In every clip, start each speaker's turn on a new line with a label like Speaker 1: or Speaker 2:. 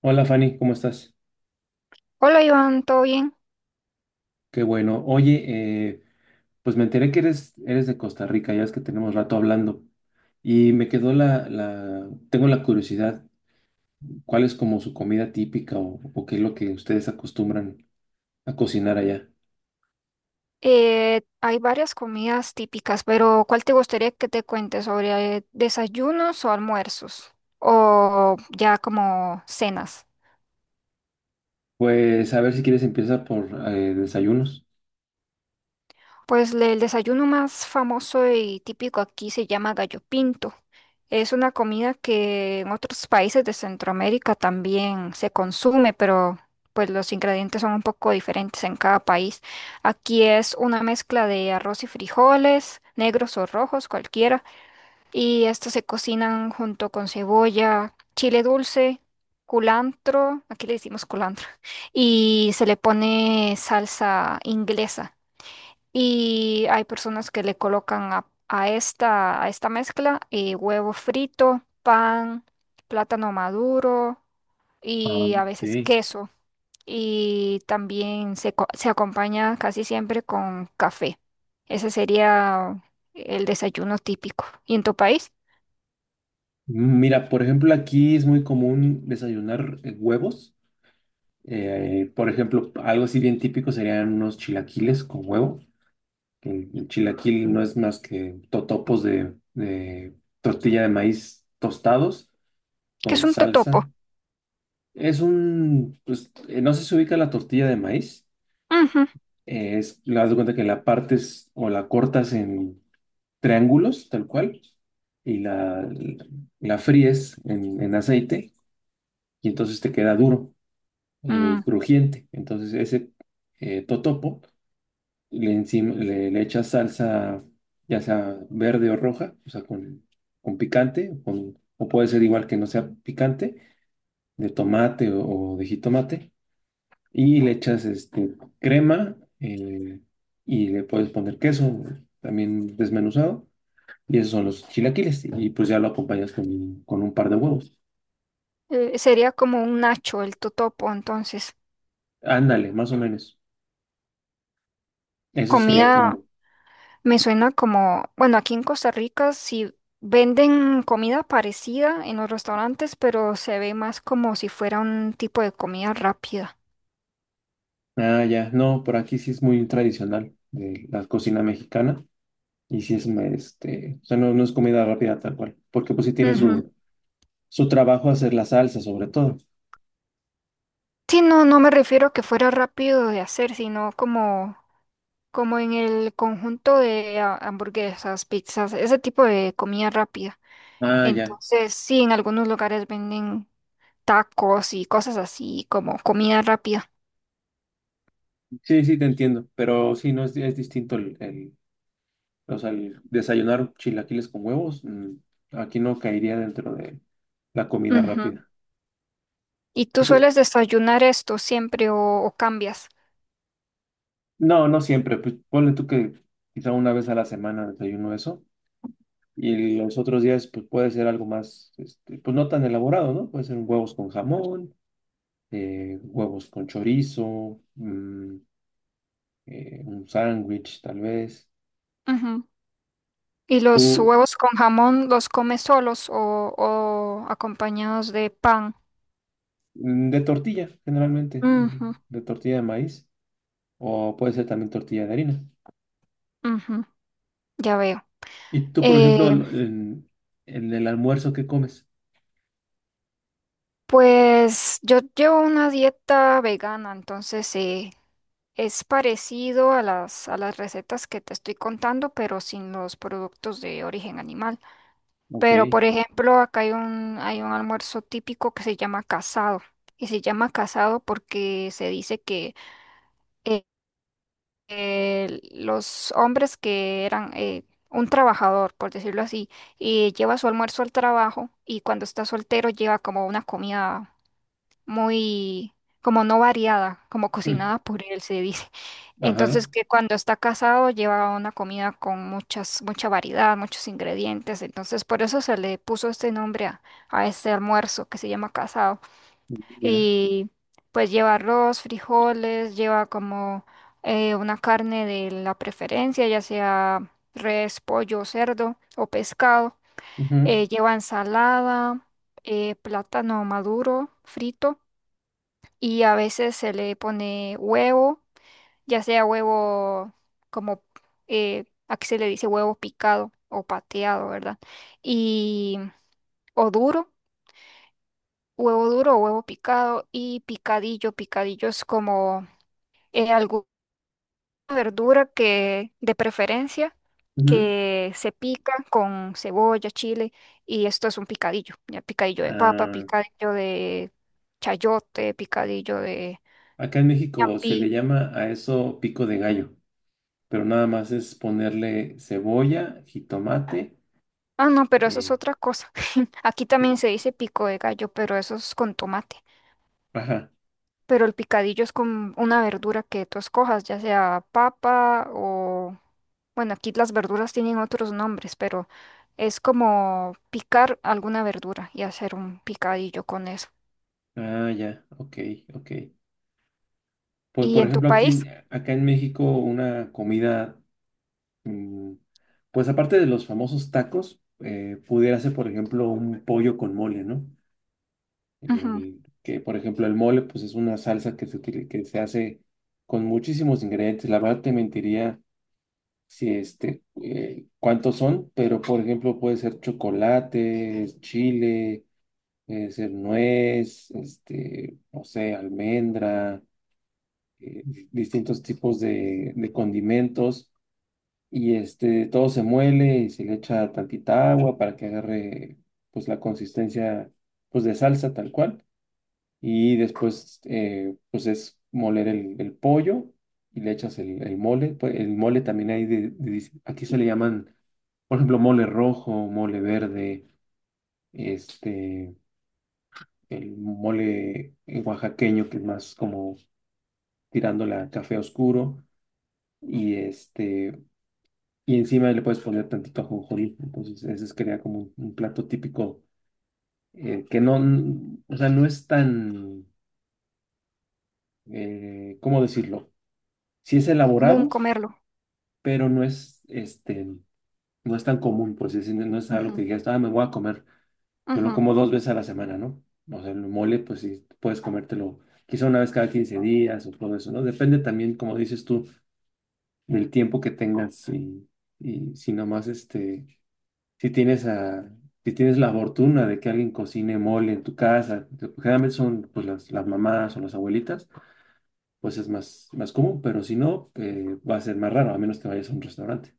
Speaker 1: Hola Fanny, ¿cómo estás?
Speaker 2: Hola Iván, ¿todo bien?
Speaker 1: Qué bueno. Oye, pues me enteré que eres de Costa Rica, ya es que tenemos rato hablando. Y me quedó tengo la curiosidad, ¿cuál es como su comida típica o qué es lo que ustedes acostumbran a cocinar allá?
Speaker 2: Hay varias comidas típicas, pero ¿cuál te gustaría que te cuente sobre desayunos o almuerzos? O ya como cenas.
Speaker 1: Pues a ver si quieres empieza por desayunos.
Speaker 2: Pues el desayuno más famoso y típico aquí se llama gallo pinto. Es una comida que en otros países de Centroamérica también se consume, pero pues los ingredientes son un poco diferentes en cada país. Aquí es una mezcla de arroz y frijoles, negros o rojos, cualquiera, y estos se cocinan junto con cebolla, chile dulce, culantro, aquí le decimos culantro, y se le pone salsa inglesa. Y hay personas que le colocan a esta mezcla, huevo frito, pan, plátano maduro
Speaker 1: Ah,
Speaker 2: y a veces
Speaker 1: sí.
Speaker 2: queso. Y también se se acompaña casi siempre con café. Ese sería el desayuno típico. ¿Y en tu país?
Speaker 1: Mira, por ejemplo, aquí es muy común desayunar huevos. Por ejemplo, algo así bien típico serían unos chilaquiles con huevo. El chilaquil no es más que totopos de tortilla de maíz tostados
Speaker 2: ¿Que es
Speaker 1: con
Speaker 2: un totopo?
Speaker 1: salsa. Es un, pues, no sé si se ubica la tortilla de maíz.
Speaker 2: Ujú.
Speaker 1: Es, la das de cuenta que la partes o la cortas en triángulos, tal cual, y la fríes en aceite y entonces te queda duro
Speaker 2: Mm,
Speaker 1: y crujiente. Entonces ese totopo encima, le echas salsa, ya sea verde o roja, o sea, con picante, o puede ser igual que no sea picante, de tomate o de jitomate, y le echas este, crema y le puedes poner queso también desmenuzado, y esos son los chilaquiles, y pues ya lo acompañas con un par de huevos.
Speaker 2: sería como un nacho el totopo, entonces.
Speaker 1: Ándale, más o menos. Eso sería
Speaker 2: Comida
Speaker 1: como...
Speaker 2: me suena como, bueno, aquí en Costa Rica sí venden comida parecida en los restaurantes, pero se ve más como si fuera un tipo de comida rápida.
Speaker 1: Ah, ya, no, por aquí sí es muy tradicional de la cocina mexicana. Y si es, este, o sea, no, no es comida rápida tal cual, porque pues sí tiene
Speaker 2: Ujú.
Speaker 1: su trabajo hacer la salsa sobre todo.
Speaker 2: Sí, no, no me refiero a que fuera rápido de hacer, sino como, como en el conjunto de ah, hamburguesas, pizzas, ese tipo de comida rápida.
Speaker 1: Ah, ya.
Speaker 2: Entonces, sí, en algunos lugares venden tacos y cosas así como comida rápida.
Speaker 1: Sí, sí, te entiendo, pero sí, no es, es distinto o sea, el desayunar chilaquiles con huevos, aquí no caería dentro de la comida
Speaker 2: Ujú.
Speaker 1: rápida.
Speaker 2: ¿Y
Speaker 1: Y,
Speaker 2: tú
Speaker 1: pues,
Speaker 2: sueles desayunar esto siempre o cambias?
Speaker 1: no, no siempre, pues ponle tú que quizá una vez a la semana desayuno eso, y los otros días pues puede ser algo más, este, pues no tan elaborado, ¿no? Puede ser huevos con jamón huevos con chorizo, un sándwich tal vez.
Speaker 2: Ujú. ¿Y los
Speaker 1: Tú,
Speaker 2: huevos con jamón los comes solos o acompañados de pan?
Speaker 1: de tortilla, generalmente,
Speaker 2: Ujú,
Speaker 1: de tortilla de maíz, o puede ser también tortilla de harina.
Speaker 2: ujú, ya veo.
Speaker 1: Y tú, por ejemplo,
Speaker 2: Eh,
Speaker 1: en el almuerzo, ¿qué comes?
Speaker 2: pues yo llevo una dieta vegana, entonces es parecido a a las recetas que te estoy contando, pero sin los productos de origen animal. Pero,
Speaker 1: Ok.
Speaker 2: por ejemplo, acá hay un almuerzo típico que se llama casado. Y se llama casado porque se dice que eh, los hombres que eran un trabajador, por decirlo así, y lleva su almuerzo al trabajo, y cuando está soltero lleva como una comida muy como no variada, como
Speaker 1: Mm.
Speaker 2: cocinada por él se dice.
Speaker 1: Ajá,
Speaker 2: Entonces que cuando está casado lleva una comida con mucha variedad, muchos ingredientes. Entonces por eso se le puso este nombre a este almuerzo que se llama casado.
Speaker 1: mira.
Speaker 2: Y pues lleva arroz, frijoles, lleva como una carne de la preferencia, ya sea res, pollo, cerdo o pescado.
Speaker 1: Ujú,
Speaker 2: Lleva ensalada, plátano maduro, frito, y a veces se le pone huevo, ya sea huevo como aquí se le dice huevo picado o pateado, ¿verdad? Y o duro, huevo duro o huevo picado y picadillo. Picadillo es como alguna verdura que de preferencia
Speaker 1: ujú.
Speaker 2: que se pica con cebolla, chile, y esto es un picadillo. Ya picadillo de papa,
Speaker 1: Ah,
Speaker 2: picadillo de chayote, picadillo de
Speaker 1: acá en México se le
Speaker 2: ñapi.
Speaker 1: llama a eso pico de gallo, pero nada más es ponerle cebolla, jitomate,
Speaker 2: Ah, no, pero eso es
Speaker 1: eh,
Speaker 2: otra cosa. Aquí también se dice pico de gallo, pero eso es con tomate.
Speaker 1: ajá.
Speaker 2: Pero el picadillo es con una verdura que tú escojas, ya sea papa o... Bueno, aquí las verduras tienen otros nombres, pero es como picar alguna verdura y hacer un picadillo con eso.
Speaker 1: Ah, ya, ok, ok. Pues
Speaker 2: ¿Y
Speaker 1: por
Speaker 2: en tu
Speaker 1: ejemplo aquí,
Speaker 2: país?
Speaker 1: acá en México, una comida, mm, pues aparte de los famosos tacos, pudiera ser por ejemplo un pollo con mole, ¿no?
Speaker 2: Ujú.
Speaker 1: Eh, que por ejemplo el mole, pues es una salsa que se hace con muchísimos ingredientes. La verdad te mentiría si este, cuántos son, pero por ejemplo puede ser chocolate, chile, puede ser nuez, este, no sé, almendra eh, distintos tipos de condimentos y este, todo se muele y se le echa tantita agua para que agarre pues la consistencia pues de salsa tal cual y después pues es moler el pollo y le echas el mole, pues, el mole también hay de. Aquí se le llaman por ejemplo mole rojo, mole verde, este el mole oaxaqueño que es más como tirando la café oscuro y este. Y encima le puedes poner tantito ajonjolí. Entonces, ese sería como un, plato típico que no, o sea, no es tan, ¿cómo decirlo? Sí es
Speaker 2: Común
Speaker 1: elaborado,
Speaker 2: comerlo.
Speaker 1: pero no es, este, no es tan común, pues no es algo que
Speaker 2: Ujú,
Speaker 1: digas, ah, me voy a comer, me lo
Speaker 2: ujú.
Speaker 1: como dos veces a la semana, ¿no? O sea, el mole, pues sí, puedes comértelo quizá una vez cada 15 días o todo eso, ¿no? Depende también, como dices tú, del tiempo que tengas y si nomás, este si tienes a, si tienes la fortuna de que alguien cocine mole en tu casa, que generalmente son pues las mamás o las abuelitas, pues es más, más común, pero si no, va a ser más raro, a menos que vayas a un restaurante.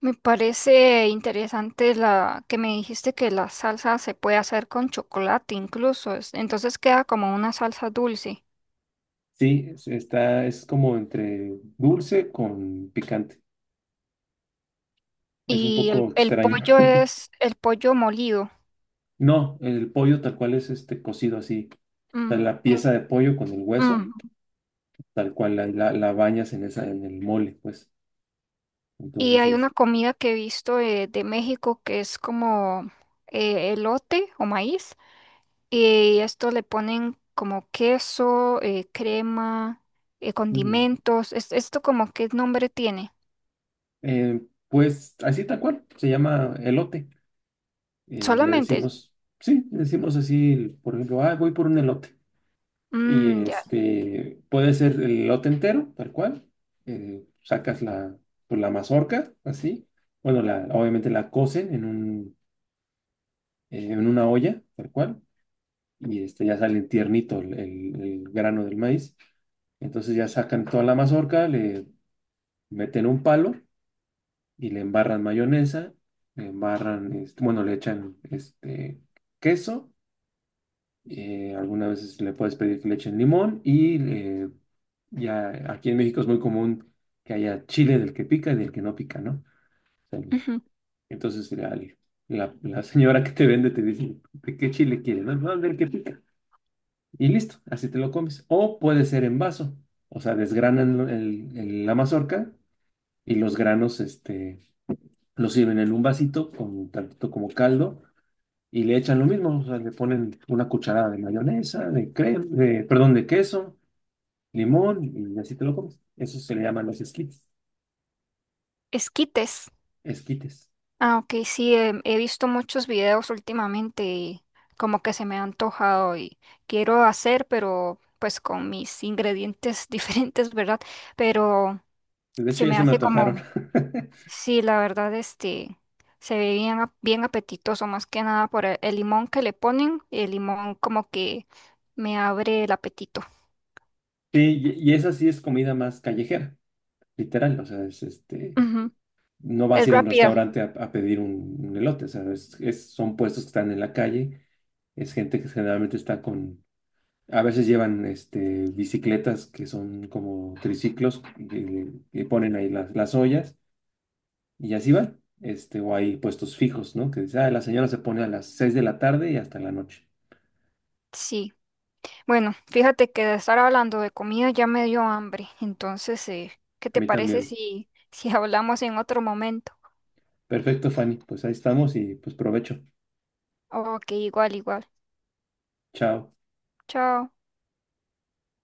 Speaker 2: Me parece interesante la que me dijiste, que la salsa se puede hacer con chocolate incluso, es- entonces queda como una salsa dulce.
Speaker 1: Sí, está, es como entre dulce con picante. Es un
Speaker 2: Y
Speaker 1: poco
Speaker 2: el
Speaker 1: extraño.
Speaker 2: pollo es el pollo molido.
Speaker 1: No, el pollo tal cual es este cocido así. O sea,
Speaker 2: Mm,
Speaker 1: la
Speaker 2: en-
Speaker 1: pieza de pollo con el hueso,
Speaker 2: mm.
Speaker 1: tal cual la bañas en esa, en el mole, pues.
Speaker 2: Y hay
Speaker 1: Entonces
Speaker 2: una comida que he visto de México que es como elote o maíz. Y esto le ponen como queso, crema,
Speaker 1: es.
Speaker 2: condimentos. Es- ¿esto como qué nombre tiene?
Speaker 1: Eh, pues así tal cual, se llama elote. Le
Speaker 2: Solamente.
Speaker 1: decimos, sí, le decimos así, por ejemplo, ah, voy por un elote. Y
Speaker 2: Mm, ya.
Speaker 1: este, puede ser el elote entero, tal cual. Sacas la, pues, la mazorca, así. Bueno, la, obviamente la cocen en un, en una olla, tal cual. Y este, ya sale tiernito el, el grano del maíz. Entonces ya sacan toda la mazorca, le meten un palo y le embarran mayonesa, le embarran, este, bueno, le echan este queso, algunas veces le puedes pedir que le echen limón y ya aquí en México es muy común que haya chile del que pica y del que no pica, ¿no? O sea, entonces la señora que te vende te dice, ¿de qué chile quieres? No, no, del que pica. Y listo, así te lo comes. O puede ser en vaso, o sea, desgranan la mazorca y los granos, este lo sirven en un vasito con tantito como caldo y le echan lo mismo, o sea, le ponen una cucharada de mayonesa, de crema, de, perdón, de queso, limón y así te lo comes. Eso se le llaman los esquites,
Speaker 2: Esquites.
Speaker 1: esquites.
Speaker 2: Ah, ok, sí, em, he visto muchos videos últimamente, y como que se me ha antojado y quiero hacer, pero pues con mis ingredientes diferentes, ¿verdad? Pero
Speaker 1: De
Speaker 2: se
Speaker 1: hecho, ya
Speaker 2: me
Speaker 1: se me
Speaker 2: hace
Speaker 1: antojaron.
Speaker 2: como, sí, la verdad, este, se ve bien, ap- bien apetitoso, más que nada por el limón que le ponen, el limón como que me abre el apetito.
Speaker 1: Sí, y esa sí es comida más callejera, literal, o sea, es este,
Speaker 2: Ujú.
Speaker 1: no vas
Speaker 2: Es
Speaker 1: a ir a un
Speaker 2: rápida,
Speaker 1: restaurante a pedir un, elote, o sea, son puestos que están en la calle, es gente que generalmente está con. A veces llevan este, bicicletas que son como triciclos que ponen ahí las ollas y así van. Este, o hay puestos fijos, ¿no? Que dice, ah, la señora se pone a las 6 de la tarde y hasta la noche.
Speaker 2: sí. Bueno, fíjate que de estar hablando de comida ya me dio hambre, entonces, ¿qué
Speaker 1: A
Speaker 2: te
Speaker 1: mí
Speaker 2: parece
Speaker 1: también.
Speaker 2: si, si hablamos en otro momento?
Speaker 1: Perfecto, Fanny. Pues ahí estamos y pues provecho.
Speaker 2: Ok, igual, igual.
Speaker 1: Chao.
Speaker 2: Chao.